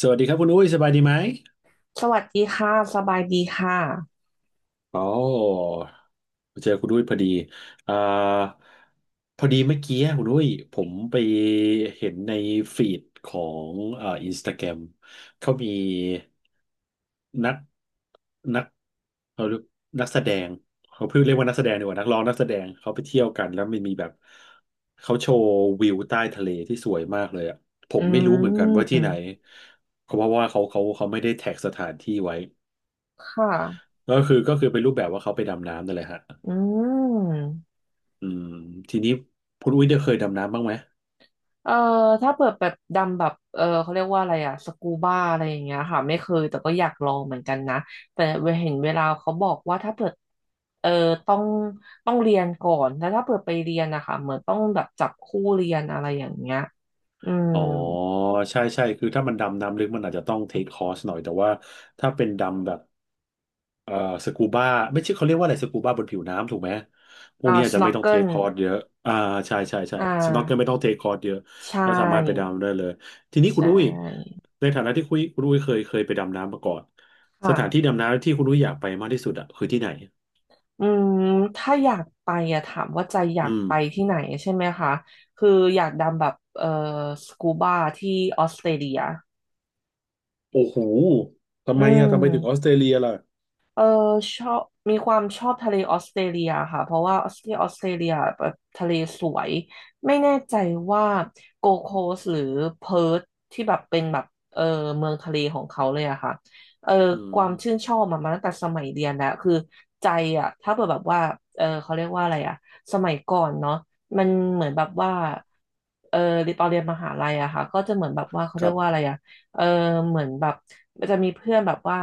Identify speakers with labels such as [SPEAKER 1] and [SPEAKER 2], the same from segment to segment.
[SPEAKER 1] สวัสดีครับคุณอุ้ยสบายดีไหม
[SPEAKER 2] สวัสดีค่ะ สบายดีค่ะ
[SPEAKER 1] อ๋อ เจอคุณอุ้ยพอดีอ่าพอดีเมื่อกี้คุณอุ้ยผมไปเห็นในฟีดของอินสตาแกรมเขามีนักนักเขาเรียกนักแสดงเขาเพิ่งเรียกว่านักแสดงดีกว่านักร้องนักแสดงเขาไปเที่ยวกันแล้วมันมีแบบเขาโชว์วิวใต้ทะเลที่สวยมากเลยอ่ะผ
[SPEAKER 2] อื
[SPEAKER 1] มไม่รู้เหมือนกันว่าที่ไหน
[SPEAKER 2] ม
[SPEAKER 1] เพราะว่าเขาไม่ได้แท็กสถานที่ไว้
[SPEAKER 2] ค่ะ
[SPEAKER 1] ก็คือเป็นรูปแบบว่าเขาไปดำน้ำนั่นแหละฮะ
[SPEAKER 2] อืม
[SPEAKER 1] อืมทีนี้คุณอุ้ยได้เคยดำน้ำบ้างไหม
[SPEAKER 2] เอ่อถ้าเปิดแบบดำแบบเขาเรียกว่าอะไรอะสกูบ้าอะไรอย่างเงี้ยค่ะไม่เคยแต่ก็อยากลองเหมือนกันนะแต่เห็นเวลาเขาบอกว่าถ้าเปิดเออต้องต้องเรียนก่อนแล้วถ้าเปิดไปเรียนนะคะเหมือนต้องแบบจับคู่เรียนอะไรอย่างเงี้ยอืม
[SPEAKER 1] อ๋อใช่ใช่คือถ้ามันดำน้ำลึกมันอาจจะต้องเทคคอร์สหน่อยแต่ว่าถ้าเป็นดำแบบเอ่อสกูบ้าไม่ใช่เขาเรียกว่าอะไรสกูบ้าบนผิวน้ำถูกไหมพวก
[SPEAKER 2] อ่า
[SPEAKER 1] นี้อา
[SPEAKER 2] ส
[SPEAKER 1] จจะ
[SPEAKER 2] โน
[SPEAKER 1] ไม่ต้องเท
[SPEAKER 2] เกิ
[SPEAKER 1] ค
[SPEAKER 2] ล
[SPEAKER 1] คอร์สเยอะอ่าใช่ใช่ใช่
[SPEAKER 2] อ่
[SPEAKER 1] สน็อกเกิลไม่
[SPEAKER 2] า
[SPEAKER 1] ต้องเทคคอร์สเยอะ
[SPEAKER 2] ใช่
[SPEAKER 1] ก็สามารถไปดำได้เลยทีนี้
[SPEAKER 2] ใช
[SPEAKER 1] คุณอุ้ย
[SPEAKER 2] ่
[SPEAKER 1] ในฐานะที่คุยคุณอุ้ยเคยไปดำน้ำมาก่อนสถานที่
[SPEAKER 2] ค่ะ
[SPEAKER 1] ดำน้ำที่คุณอุ้ยอยากไปมากที่สุดอะคือที่ไหน
[SPEAKER 2] อืมถ้าอยากไปอะถามว่าใจอยา
[SPEAKER 1] อื
[SPEAKER 2] ก
[SPEAKER 1] ม
[SPEAKER 2] ไปที่ไหนใช่ไหมคะคืออยากดำแบบสกูบาที่ออสเตรเลีย
[SPEAKER 1] โอ้โหทำ
[SPEAKER 2] อื
[SPEAKER 1] ไมอ่ะทำไมถึงออส
[SPEAKER 2] ม
[SPEAKER 1] เตรเลียล่ะ
[SPEAKER 2] เออชอบมีความชอบทะเลออสเตรเลียค่ะเพราะว่าออสเตรเลียออสเตรเลียแบบทะเลสวยไม่แน่ใจว่าโกโคสหรือเพิร์ทที่แบบเป็นแบบเออเมืองทะเลของเขาเลยอะค่ะเออ
[SPEAKER 1] อื
[SPEAKER 2] ความชื่น
[SPEAKER 1] ม
[SPEAKER 2] ชอบมาตั้งแต่สมัยเรียนแล้วคือใจอะถ้าเกิดแบบว่าเขาเรียกว่าอะไรอะสมัยก่อนเนาะมันเหมือนแบบว่าเออตอนเรียนมหาลัยอะค่ะก็จะเหมือนแบบว่าเขา
[SPEAKER 1] ค
[SPEAKER 2] เรีย
[SPEAKER 1] รั
[SPEAKER 2] กว่าอะ
[SPEAKER 1] บ
[SPEAKER 2] ไรอะเออเหมือนแบบมันจะมีเพื่อนแบบว่า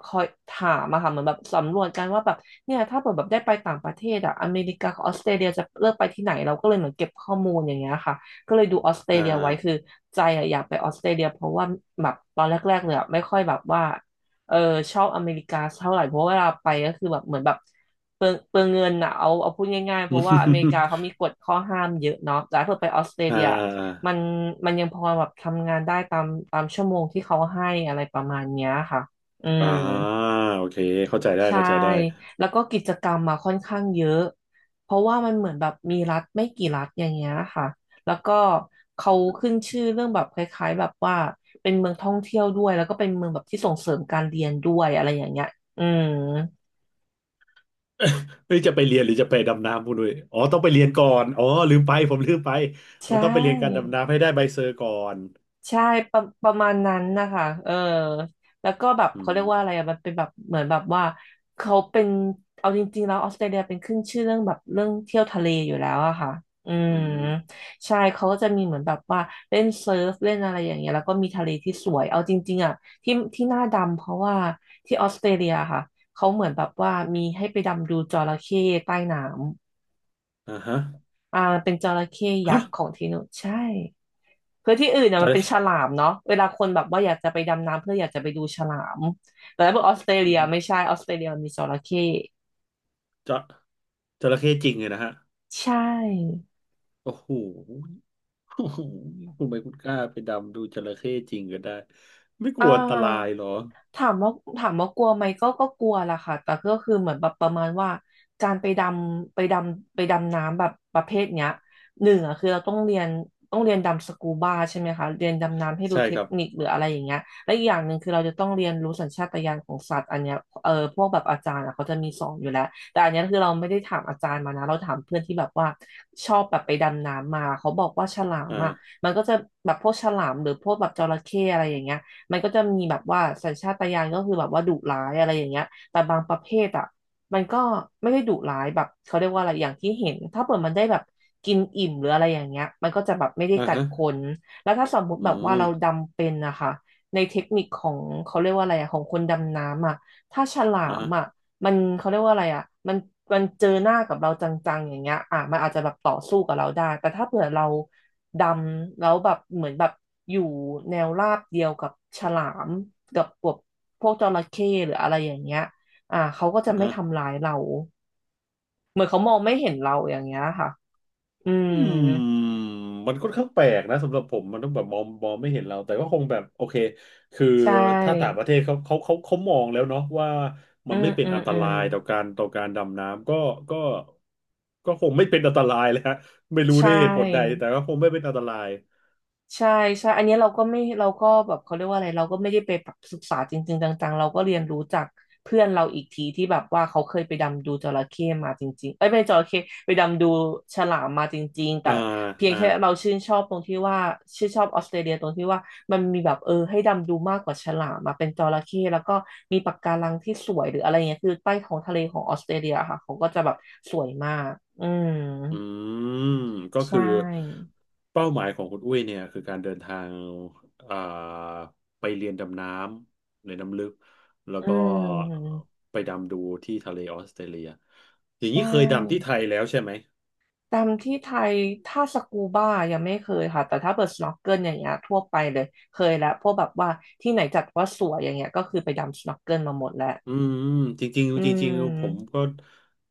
[SPEAKER 2] คอยถามอะค่ะเหมือนแบบสำรวจกันว่าแบบเนี่ยถ้าเกิดแบบได้ไปต่างประเทศอะอเมริกากับออสเตรเลียจะเลือกไปที่ไหนเราก็เลยเหมือนเก็บข้อมูลอย่างเงี้ยค่ะก็เลยดูออสเตร
[SPEAKER 1] อ่า
[SPEAKER 2] เลียไว้คือใจอะอยากไปออสเตรเลียเพราะว่าแบบตอนแรกๆเลยอะไม่ค่อยแบบว่าเออชอบอเมริกาเท่าไหร่เพราะเวลาไปก็คือแบบเหมือนแบบเปลืองเงินอะเอาพูดง่ายๆ เพ
[SPEAKER 1] อ
[SPEAKER 2] ราะว่าอเมริกา
[SPEAKER 1] ม
[SPEAKER 2] เขามีกฎข้อห้ามเยอะเนาะแต่ถ้าเกิดไปออสเตร
[SPEAKER 1] อ่
[SPEAKER 2] เลีย
[SPEAKER 1] า
[SPEAKER 2] มันมันยังพอแบบทำงานได้ตามตามชั่วโมงที่เขาให้อะไรประมาณเนี้ยค่ะ อื
[SPEAKER 1] อ่า
[SPEAKER 2] ม
[SPEAKER 1] อ่าโอเค เข้าใจได้
[SPEAKER 2] ใช่
[SPEAKER 1] เข้าใจได้
[SPEAKER 2] แล้วก็กิจกรรมมาค่อนข้างเยอะเพราะว่ามันเหมือนแบบมีรัฐไม่กี่รัฐอย่างเงี้ยค่ะแล้วก็เขาขึ้นชื่อเรื่องแบบคล้ายๆแบบว่าเป็นเมืองท่องเที่ยวด้วยแล้วก็เป็นเมืองแบบที่ส่งเสริมการเรียนด้วยอะไรอย่างเงี้ยอืม
[SPEAKER 1] เฮ้ยจะไปเรียนหรือจะไปดำน้ำพูดด้วยอ๋อต้องไปเรียนก่อน อ๋อลืมไปผมลืมไป
[SPEAKER 2] ใช
[SPEAKER 1] มันต้องไปเรียนการ
[SPEAKER 2] ่
[SPEAKER 1] ดำน้ำให้ได้ใบเซอร์ก่อน
[SPEAKER 2] ใช่ประมาณนั้นนะคะเออแล้วก็แบบ
[SPEAKER 1] อื
[SPEAKER 2] เขา
[SPEAKER 1] ม
[SPEAKER 2] เรียกว่าอะไรอะมันเป็นแบบเหมือนแบบว่าเขาเป็นเอาจริงๆแล้วออสเตรเลียเป็นขึ้นชื่อเรื่องแบบเรื่องเที่ยวทะเลอยู่แล้วอะค่ะอื
[SPEAKER 1] อื
[SPEAKER 2] ม
[SPEAKER 1] ม
[SPEAKER 2] ใช่เขาก็จะมีเหมือนแบบว่าเล่นเซิร์ฟเล่นอะไรอย่างเงี้ยแล้วก็มีทะเลที่สวยเอาจริงๆอะที่ที่หน้าดำเพราะว่าที่ออสเตรเลียค่ะเขาเหมือนแบบว่ามีให้ไปดำดูจระเข้ใต้น้ำ
[SPEAKER 1] อ่าฮะ
[SPEAKER 2] อ่าเป็นจระเข้ยั
[SPEAKER 1] ฮะ
[SPEAKER 2] กษ์ของที่นู่นใช่ คือที่อื่นเนี่
[SPEAKER 1] จ
[SPEAKER 2] ยมัน
[SPEAKER 1] ระ
[SPEAKER 2] เป็นฉ
[SPEAKER 1] เข้
[SPEAKER 2] ลามเนาะเวลาคนแบบว่าอยากจะไปดำน้ำเพื่ออยากจะไปดูฉลามแต่ถ้าบอกออสเตร
[SPEAKER 1] อื
[SPEAKER 2] เลี
[SPEAKER 1] อ
[SPEAKER 2] ย
[SPEAKER 1] ฮึ
[SPEAKER 2] ไม่ใช่ออสเตรเลียมันมีจระเข้
[SPEAKER 1] จะจระเข้จริงเลยนะฮะ
[SPEAKER 2] ใช่
[SPEAKER 1] โอ้โหโอ้โหคุณไปคุณกล้าไปดำดูจระเข้จริงก็ได้ ไม่ก
[SPEAKER 2] อ่า
[SPEAKER 1] ลัวอันตรายเหรอ
[SPEAKER 2] ถามว่าถามว่ากลัวไหมก็กลัวล่ะค่ะแต่ก็คือเหมือนแบบประมาณว่าการไปดำน้ำแบบประเภทเนี้ยหนึ่งอ่ะคือเราต้องเรียนดำสกูบาใช่ไหมคะเรียนดำน้ำให้รู้
[SPEAKER 1] ใช่
[SPEAKER 2] เท
[SPEAKER 1] ค
[SPEAKER 2] ค
[SPEAKER 1] รับ
[SPEAKER 2] นิคหรืออะไรอย่างเงี้ยและอีกอย่างหนึ่งคือเราจะต้องเรียนรู้สัญชาตญาณของสัตว์อันเนี้ยเออพวกแบบอาจารย์อะเขาจะมีสอนอยู่แล้วแต่อันเนี้ยคือเราไม่ได้ถามอาจารย์มานะเราถามเพื่อนที่แบบว่าชอบแบบไปดำน้ำมาเขาบอกว่าฉลามอ่ะ
[SPEAKER 1] อ่า
[SPEAKER 2] มันก็จะแบบพวกฉลามหรือพวกแบบจระเข้อะไรอย่างเงี้ย มันก็จะมีแบบว่าสัญชาตญาณก็คือแบบว่าดุร้ายอะไรอย่างเงี้ยแต่บางประเภทอ่ะมันก็ไม่ได้ดุร้ายแบบเขาเรียกว่าอะไรอย่างที่เห็นถ้าเปิดมันได้แบบกินอิ่มหรืออะไรอย่างเงี้ยมันก็จะแบบไม่ได้
[SPEAKER 1] อ่า
[SPEAKER 2] กัด
[SPEAKER 1] ฮะ
[SPEAKER 2] คนแล้วถ้าสมมุติ
[SPEAKER 1] อื
[SPEAKER 2] แบบว่า
[SPEAKER 1] ม
[SPEAKER 2] เราดำเป็นนะคะในเทคนิคของเขาเรียกว่าอะไรอะของคนดำน้ำอะถ้าฉลา
[SPEAKER 1] อ่า
[SPEAKER 2] ม
[SPEAKER 1] ฮะ
[SPEAKER 2] อะมันเขาเรียกว่าอะไรอะมันมันเจอหน้ากับเราจังๆอย่างเงี้ยอ่ะมันอาจจะแบบต่อสู้กับเราได้แต่ถ้าเผื่อเรา ดำแล้วแบบเหมือนแบบอยู่แนวราบเดียวกับฉลามกับพวกจระเข้หรืออะไรอย่างเงี้ยอ่าเขาก็จะ
[SPEAKER 1] อ่า
[SPEAKER 2] ไม่
[SPEAKER 1] ฮะ
[SPEAKER 2] ทำร้ายเราเหมือนเขามองไม่เห็นเราอย่างเงี้ยค่ะอื
[SPEAKER 1] อื
[SPEAKER 2] ม
[SPEAKER 1] มมันค่อนข้างแปลกนะสำหรับผมมันต้องแบบมองไม่เห็นเราแต่ก็คงแบบโอเคคือ
[SPEAKER 2] ใช
[SPEAKER 1] ถ้าต่างป
[SPEAKER 2] ่
[SPEAKER 1] ระเทศเขามองแล้วเนาะว่ามั
[SPEAKER 2] อื
[SPEAKER 1] นไม่
[SPEAKER 2] ม
[SPEAKER 1] เป็น
[SPEAKER 2] อืม
[SPEAKER 1] อันต
[SPEAKER 2] อื
[SPEAKER 1] รา
[SPEAKER 2] ม
[SPEAKER 1] ยต่อการดำน้ำก็ก็คงไม่เป็นอันตรายเลยฮะไม่รู้
[SPEAKER 2] ใช
[SPEAKER 1] ด้วยเหตุผลใด
[SPEAKER 2] ่
[SPEAKER 1] แต่ก็คงไม่เป็นอันตราย
[SPEAKER 2] ใช่ใช่อันเนี้ยเราก็ไม่เราก็แบบเขาเรียกว่าอะไรเราก็ไม่ได้ไปแบบศึกษาจริงๆจังๆ เราก็เรียนรู้จากเพื่อนเราอีกทีที่แบบว่าเขาเคยไปดำดูจระเข้มาจริงๆเอ้ยไม่ใช่จระเข้ไปดำดูฉลามมาจริงๆแต่
[SPEAKER 1] อ่า
[SPEAKER 2] เพียง
[SPEAKER 1] อ่า
[SPEAKER 2] แค่เราชื่นชอบตรงที่ว่าชื่นชอบออสเตรเลียตรงที่ว่ามันมีแบบให้ดำดูมากกว่าฉลามมาเป็นจระเข้แล้วก็มีปะการังที่สวยหรืออะไรเงี้ยคือใต้ท้องทะเลของออสเตรเลียค่ะเขาก็จะแบบสวยมากอืม
[SPEAKER 1] อืมก็
[SPEAKER 2] ใช
[SPEAKER 1] คือ
[SPEAKER 2] ่
[SPEAKER 1] เป้าหมายของคุณอุ้ยเนี่ยคือการเดินทางอ่าไปเรียนดำน้ำในน้ำลึกแล้ว
[SPEAKER 2] อื
[SPEAKER 1] ก็
[SPEAKER 2] ม
[SPEAKER 1] ไปดำดูที่ทะเลออสเตรเลียอย่างนี้
[SPEAKER 2] ใช่
[SPEAKER 1] เคยดำที่ไทยแล้วใช่ไหม
[SPEAKER 2] ดำที่ไทยถ้าสกูบ้ายังไม่เคยค่ะแต่ถ้าเปิดสโนว์เกิลอย่างเงี้ยทั่วไปเลยเคยแล้วพวกแบบว่าที่ไหนจัดว่าสวยอย่างเงี้ยก็คือไปดำสโนว์เกิลมาหมดแล้ว
[SPEAKER 1] อืมจริง
[SPEAKER 2] อื
[SPEAKER 1] ๆจริงๆผม
[SPEAKER 2] ม
[SPEAKER 1] ก็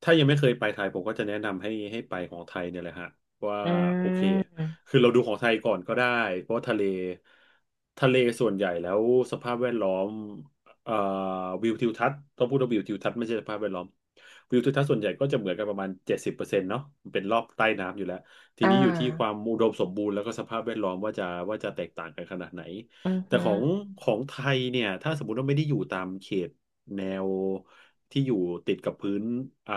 [SPEAKER 1] ถ้ายังไม่เคยไปไทยผมก็จะแนะนำให้ไปของไทยเนี่ยแหละฮะว่า
[SPEAKER 2] อื
[SPEAKER 1] โอเค
[SPEAKER 2] ม
[SPEAKER 1] คือเราดูของไทยก่อนก็ได้เพราะว่าทะเลส่วนใหญ่แล้วสภาพแวดล้อมเอ่อวิวทิวทัศน์ต้องพูดว่าวิวทิวทัศน์ไม่ใช่สภาพแวดล้อมวิวทิวทัศน์ส่วนใหญ่ก็จะเหมือนกันประมาณ70%เนาะมันเป็นรอบใต้น้ำอยู่แล้วที
[SPEAKER 2] อ่า
[SPEAKER 1] นี้อยู่ที่ความอุดมสมบูรณ์แล้วก็สภาพแวดล้อมว่าจะว่าจะแตกต่างกันขนาดไหน
[SPEAKER 2] อือ
[SPEAKER 1] แต่
[SPEAKER 2] ฮึ
[SPEAKER 1] ของไทยเนี่ยถ้าสมมติว่าไม่ได้อยู่ตามเขต แนวที่อยู่ติดกับพื้นอ่า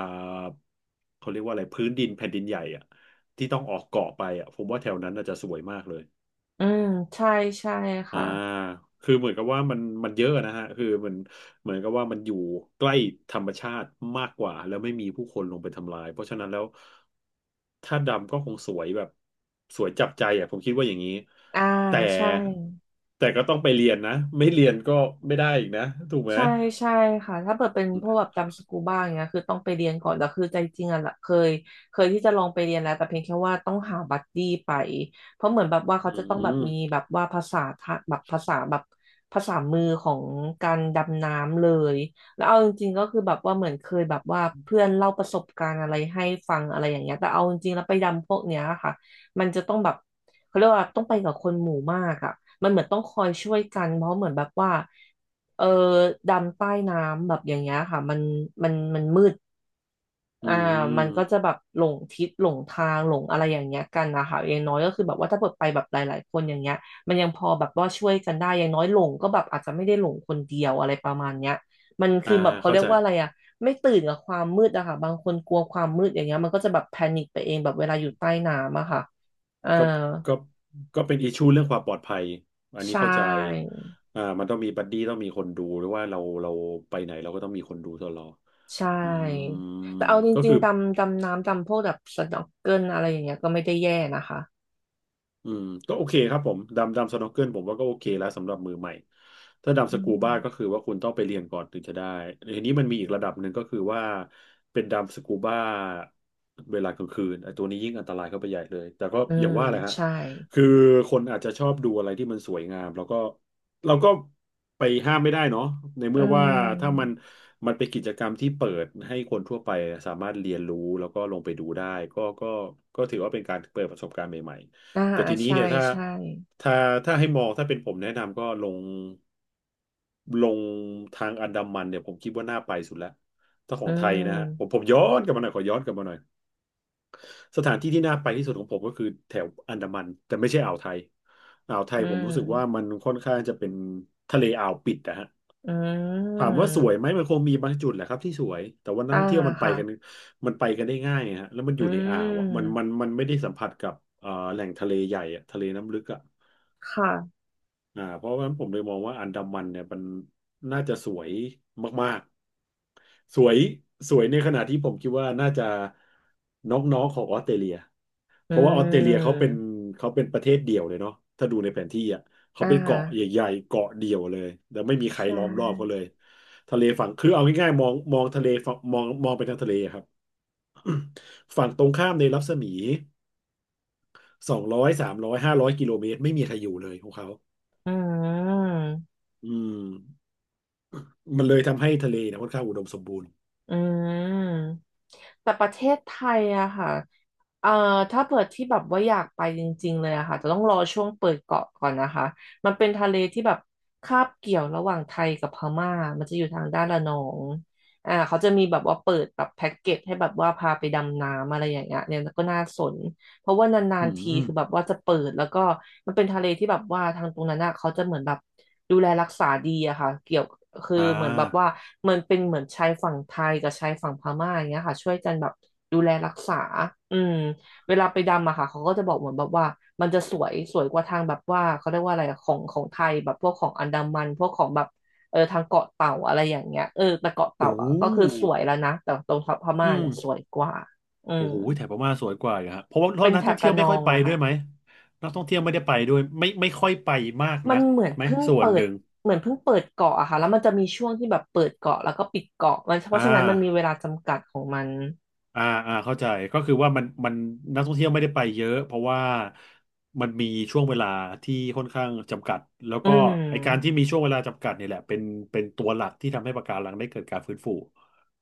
[SPEAKER 1] เขาเรียกว่าอะไร พื้นดินแผ่นดินใหญ่อะที่ต้องออกเกาะไปอะผมว่าแถวนั้นน่าจะสวยมากเลย
[SPEAKER 2] อืมใช่ใช่
[SPEAKER 1] อ่า
[SPEAKER 2] ค่ะ
[SPEAKER 1] คือเหมือนกับว่ามันเยอะนะฮะคือมันเหมือนกับว่ามันอยู่ใกล้ธรรมชาติมากกว่าแล้วไม่มีผู้คนลงไปทำลายเพราะฉะนั้นแล้วถ้าดำก็คงสวยแบบสวยจับใจอ่ะผมคิดว่าอย่างนี้
[SPEAKER 2] อ่า
[SPEAKER 1] แต่
[SPEAKER 2] ใช่
[SPEAKER 1] แต่ก็ต้องไปเรียนนะไม่เรียนก็ไม่ได้อีกนะถูกไหม
[SPEAKER 2] ใช่ใช่ค่ะถ้าเปิดเป็นพวกแบบดำสกูบ้าอย่างเงี้ยคือต้องไปเรียนก่อนแล้วคือใจจริงอ่ะละเคยเคยที่จะลองไปเรียนแล้วแต่เพียงแค่ว่าต้องหาบัดดี้ไปเพราะเหมือนแบบว่า
[SPEAKER 1] อื
[SPEAKER 2] เขาจะต้องแบบ
[SPEAKER 1] ม
[SPEAKER 2] มีแบบว่าภาษาทะแบบภาษาแบบภาษามือของการดำน้ำเลยแล้วเอาจริงๆก็คือแบบว่าเหมือนเคยแบบว่าเพื่อนเล่าประสบการณ์อะไรให้ฟังอะไรอย่างเงี้ยแต่เอาจริงๆแล้วไปดำพวกเนี้ยค่ะมันจะต้องแบบเขาเรียกว่าต้องไปกับคนหมู่มากอ่ะมันเหมือนต้องคอยช่วยกันเพราะเหมือนแบบว่า เออดำใต้น้ำแบบอย่างเงี้ยค่ะมันมันมืด
[SPEAKER 1] อื
[SPEAKER 2] อ่ามันก็จะ
[SPEAKER 1] ม
[SPEAKER 2] แบบหลงทิศหลงทางหลงอะไรอย่างเงี้ยกันนะคะอย่างน้อยก็คือแบบว่าถ้าเปิดไปแบบหลายๆคนอย่างเงี้ยมันยังพอแบบว่าช่วยกันได้อย่างน้อยหลงก็แบบอาจจะไม่ได้หลงคนเดียวอะไรประมาณเนี้ยมัน
[SPEAKER 1] อ่า
[SPEAKER 2] คือแบบเขา
[SPEAKER 1] เข้า
[SPEAKER 2] เรีย
[SPEAKER 1] ใจ
[SPEAKER 2] กว่าอะไรอะไม่ตื่นกับความมืดอะค่ะบางคนกลัวความมืดอย่างเงี้ยมันก็จะแบบแพนิคไปเองแบบเวลาอยู่ใต้น้ำอะค่ะอ่า
[SPEAKER 1] ก็ก็ก็เป็นอิชชูเรื่องความปลอดภัย อันนี้
[SPEAKER 2] ใช่
[SPEAKER 1] เข้าใจอ่ามันต้องมีบัดดี้ต้องมีคนดูหรือว่าเราไปไหนเราก็ต้องมีคนดูตลอด
[SPEAKER 2] ใช่
[SPEAKER 1] อืม
[SPEAKER 2] แต่เอาจ
[SPEAKER 1] ก็
[SPEAKER 2] ริง
[SPEAKER 1] คือ
[SPEAKER 2] ๆดำดำน้ำดำพวกแบบสน็อกเกิลอะไรอย่างเงี้ยก็ไม่ได้แย่นะคะ
[SPEAKER 1] อืมก็โอเคครับผมดำสน็อกเกิลผมว่าก็โอเคแล้วสำหรับมือใหม่ถ้าดำส
[SPEAKER 2] อื
[SPEAKER 1] กูบ้าก็คื
[SPEAKER 2] ม
[SPEAKER 1] อว่าคุณต้องไปเรียนก่อนถึงจะได้ทีนี้มันมีอีกระดับหนึ่งก็คือว่าเป็นดำสกูบ้าเวลากลางคืนไอ้ตัวนี้ยิ่งอันตรายเข้าไปใหญ่เลยแต่ก็
[SPEAKER 2] อื
[SPEAKER 1] อย่าง
[SPEAKER 2] ม
[SPEAKER 1] ว่าแหละฮะ
[SPEAKER 2] ใช่
[SPEAKER 1] คือคนอาจจะชอบดูอะไรที่มันสวยงามแล้วก็เราก็ไปห้ามไม่ได้เนาะใน
[SPEAKER 2] อื
[SPEAKER 1] เมื่อว่าถ้ามัน
[SPEAKER 2] ม
[SPEAKER 1] มันเป็นกิจกรรมที่เปิดให้คนทั่วไปสามารถเรียนรู้แล้วก็ลงไปดูได้ก็ก็ก็ถือว่าเป็นการเปิดประสบการณ์ใหม่
[SPEAKER 2] อ่า
[SPEAKER 1] แต่ทีนี้
[SPEAKER 2] ใช่
[SPEAKER 1] เนี่ย
[SPEAKER 2] ใช่
[SPEAKER 1] ถ้าถ้าให้มองถ้าเป็นผมแนะนำก็ลงทางอันดามันเนี่ยผมคิดว่าน่าไปสุดแล้วถ้าขอ
[SPEAKER 2] อื
[SPEAKER 1] งไทยนะฮะผม
[SPEAKER 2] ม
[SPEAKER 1] ผมย้อนกลับมาหน่อยขอย้อนกลับมาหน่อยสถานที่ที่น่าไปที่สุดของผมก็คือแถวอันดามันแต่ไม่ใช่อ่าวไทยอ่าวไทย
[SPEAKER 2] อื
[SPEAKER 1] ผมรู้สึกว่ามั
[SPEAKER 2] ม
[SPEAKER 1] นค่อนข้างจะเป็นทะเลอ่าวปิดนะฮะ
[SPEAKER 2] อื
[SPEAKER 1] ถาม
[SPEAKER 2] ม
[SPEAKER 1] ว่าสวยไหมมันคงมีบางจุดแหละครับที่สวยแต่ว่านัก
[SPEAKER 2] อ่า
[SPEAKER 1] ท่องเที่ยวมันไป
[SPEAKER 2] ค่ะ
[SPEAKER 1] กันมันไปกันได้ง่ายฮะแล้วมันอ
[SPEAKER 2] อื
[SPEAKER 1] ยู่ในอ่า
[SPEAKER 2] ม
[SPEAKER 1] วอ่ะมันไม่ได้สัมผัสกับแหล่งทะเลใหญ่อะทะเลน้ำลึกอ่ะ
[SPEAKER 2] ค่ะ
[SPEAKER 1] เพราะฉะนั้นผมเลยมองว่าอันดามันเนี่ยมันน่าจะสวยมากๆสวยสวยในขณะที่ผมคิดว่าน่าจะน้องๆของออสเตรเลีย
[SPEAKER 2] อื
[SPEAKER 1] เพราะว่าออสเตรเลียเขาเป็น
[SPEAKER 2] ม
[SPEAKER 1] เขาเป็นประเทศเดี่ยวเลยเนาะถ้าดูในแผนที่อ่ะเขา
[SPEAKER 2] อ่
[SPEAKER 1] เป็นเกาะ
[SPEAKER 2] า
[SPEAKER 1] ใหญ่ๆเกาะเดี่ยวเลยแล้วไม่มีใค
[SPEAKER 2] ใช
[SPEAKER 1] รล้อมรอบเขา
[SPEAKER 2] ่
[SPEAKER 1] เลยทะเลฝั่งคือเอาง่ายๆมองทะเลฝั่งมองไปทางทะเลอะครับ ฝั่งตรงข้ามในรัศมี200 300 500 กิโลเมตรไม่มีใครอยู่เลยของเขา
[SPEAKER 2] อืม
[SPEAKER 1] อืม มันเลยทำให้ทะเลเนี่ยค่อนข้างอุดมสมบูรณ์
[SPEAKER 2] อืม แต่ประเทศไทยอะค่ะเอ่อถ้าเปิดที่แบบว่าอยากไปจริงๆเลยอะค่ะจะต้องรอช่วงเปิดเกาะก่อนนะคะมันเป็นทะเลที่แบบคาบเกี่ยวระหว่างไทยกับพม่ามันจะอยู่ทางด้านระนองอ่าเขาจะมีแบบว่าเปิดแบบแพ็กเกจให้แบบว่าพาไปดำน้ำอะไรอย่างเงี้ยเนี่ยก็น่าสน เพราะว่านา
[SPEAKER 1] อื
[SPEAKER 2] นๆที
[SPEAKER 1] ม
[SPEAKER 2] คือแบบว่าจะเปิดแล้วก็มันเป็นทะเลที่แบบว่าทางตรงนั้นอ่ะเขาจะเหมือนแบบดูแลรักษาดีอะค่ะเกี่ยวคือ
[SPEAKER 1] อ่
[SPEAKER 2] เหมือนแบบว่า
[SPEAKER 1] า
[SPEAKER 2] มันเป็นเหมือนชายฝั่งไทยกับชายฝั่งพม่าอย่างเงี้ยค่ะช่วยกันแบบดูแลรักษาอืมเวลาไปดำอะค่ะเขาก็จะบอกเหมือนแบบว่ามันจะสวยสวยกว่าทางแบบว่าเขาเรียกว่าอะไรอะของของไทยแบบพวกของอันดามันพวกของแบบทางเกาะเต่าอะไรอย่างเงี้ยแต่เกาะ
[SPEAKER 1] โอ้
[SPEAKER 2] เต่าอะก็คือสวยแล้วนะแต่ตรงพ
[SPEAKER 1] อื
[SPEAKER 2] ม่า
[SPEAKER 1] ม
[SPEAKER 2] เนี่ยสวยกว่าอื
[SPEAKER 1] โอ้
[SPEAKER 2] ม
[SPEAKER 1] โห แถบพม่าสวยกว่าอยู่ฮะเพราะว่า
[SPEAKER 2] เป็น
[SPEAKER 1] นัก
[SPEAKER 2] แถ
[SPEAKER 1] ท่อ
[SPEAKER 2] บ
[SPEAKER 1] งเที่ยว
[SPEAKER 2] ระน
[SPEAKER 1] ไม่
[SPEAKER 2] อ
[SPEAKER 1] ค่อย
[SPEAKER 2] ง
[SPEAKER 1] ไป
[SPEAKER 2] อะ
[SPEAKER 1] ด้ว
[SPEAKER 2] ค่ะ
[SPEAKER 1] ยไหมนักท่องเที่ยวไม่ได้ไปด้วย ไม่ค่อยไปมาก
[SPEAKER 2] มั
[SPEAKER 1] นั
[SPEAKER 2] น
[SPEAKER 1] ก
[SPEAKER 2] เหมือน
[SPEAKER 1] ไหม
[SPEAKER 2] เพิ่ง
[SPEAKER 1] ส่วน
[SPEAKER 2] เปิ
[SPEAKER 1] ห
[SPEAKER 2] ด
[SPEAKER 1] นึ่ง
[SPEAKER 2] เหมือนเพิ่งเปิดเกาะอะค่ะแล้วมันจะมีช่วงที่แบบเปิดเกาะแล้วก็ปิดเกาะมันเพ
[SPEAKER 1] อ่า
[SPEAKER 2] ราะฉะนั้นมันมีเวลาจำกัดของมัน
[SPEAKER 1] อ่าอ่าเข้าใจก็คือว่ามันนักท่องเที่ยวไม่ได้ไปเยอะเพราะว่ามันมีช่วงเวลาที่ค่อนข้างจำกัดแล้ว
[SPEAKER 2] อื
[SPEAKER 1] ก็ไอการที่
[SPEAKER 2] ม
[SPEAKER 1] มีช่วงเวลาจำกัดเนี่ยแหละเป็นตัวหลักที่ทำให้ปะการังได้เกิดการฟื้นฟู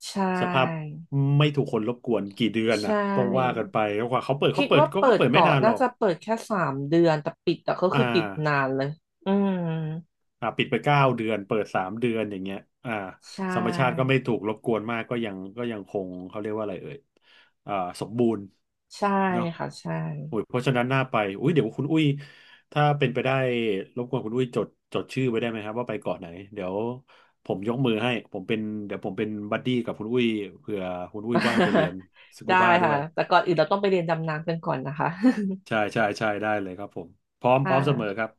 [SPEAKER 2] ใช
[SPEAKER 1] สภาพ
[SPEAKER 2] ่
[SPEAKER 1] ไม่ถูกคนรบกวนกี่เดือน
[SPEAKER 2] ใช
[SPEAKER 1] นะต้องว่ากั
[SPEAKER 2] ่
[SPEAKER 1] นไปแล้วกว่าเขาเปิด
[SPEAKER 2] คิ
[SPEAKER 1] เขา
[SPEAKER 2] ด
[SPEAKER 1] เปิด
[SPEAKER 2] ว่า
[SPEAKER 1] ก็
[SPEAKER 2] เปิด
[SPEAKER 1] เปิดไม่
[SPEAKER 2] เกาะ
[SPEAKER 1] นานหร
[SPEAKER 2] น่า
[SPEAKER 1] อก
[SPEAKER 2] จะเปิดแค่3 เดือนแต่ปิดอะก็
[SPEAKER 1] อ่า
[SPEAKER 2] คือปิดนานเลยอืม
[SPEAKER 1] อ่าปิดไป9 เดือนเปิด3 เดือนอย่างเงี้ยอ่า
[SPEAKER 2] ใช
[SPEAKER 1] ธรรมชาติก็
[SPEAKER 2] ่
[SPEAKER 1] ไม่ถูกรบกวนมากก็ยังก็ยังคงเขาเรียกว่าอะไรเอ่ยอ่าสมบูรณ์
[SPEAKER 2] ใช่
[SPEAKER 1] เนาะ
[SPEAKER 2] ค่ะใช่
[SPEAKER 1] โอ้ยเพราะฉะนั้นน่าไปอุ้ยเดี๋ยวคุณอุ้ยถ้าเป็นไปได้รบกวนคุณอุ้ยจดชื่อไว้ได้ไหมครับว่าไปเกาะไหนเดี๋ยวผมยกมือให้ผมเป็นเดี๋ยวผมเป็นบัดดี้กับคุณอุ้ยเผื่อคุณอุ้ยว่างไปเรียน สกู
[SPEAKER 2] ได้
[SPEAKER 1] บ้าด้
[SPEAKER 2] ค่ะ
[SPEAKER 1] วย
[SPEAKER 2] แต่ก่อนอื่นเราต้องไปเรียนดำน้ำกันก่อนนะคะ
[SPEAKER 1] ใช่ใช่ใช่ได้เลยครับผมพร้อม
[SPEAKER 2] ค
[SPEAKER 1] พร้อมเสมอค
[SPEAKER 2] ่ะ
[SPEAKER 1] รับ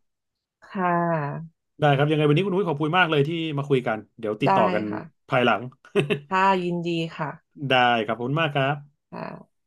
[SPEAKER 2] ค่ะ
[SPEAKER 1] ได้ครับยังไงวันนี้คุณอุ้ยขอบคุณมากเลยที่มาคุยกันเดี๋ยวติด
[SPEAKER 2] ได้
[SPEAKER 1] ต่อกัน
[SPEAKER 2] ค่ะ
[SPEAKER 1] ภายหลัง
[SPEAKER 2] ค่ะยินดีค่ะ
[SPEAKER 1] ได้ครับขอบคุณมากครับ
[SPEAKER 2] ค่ะ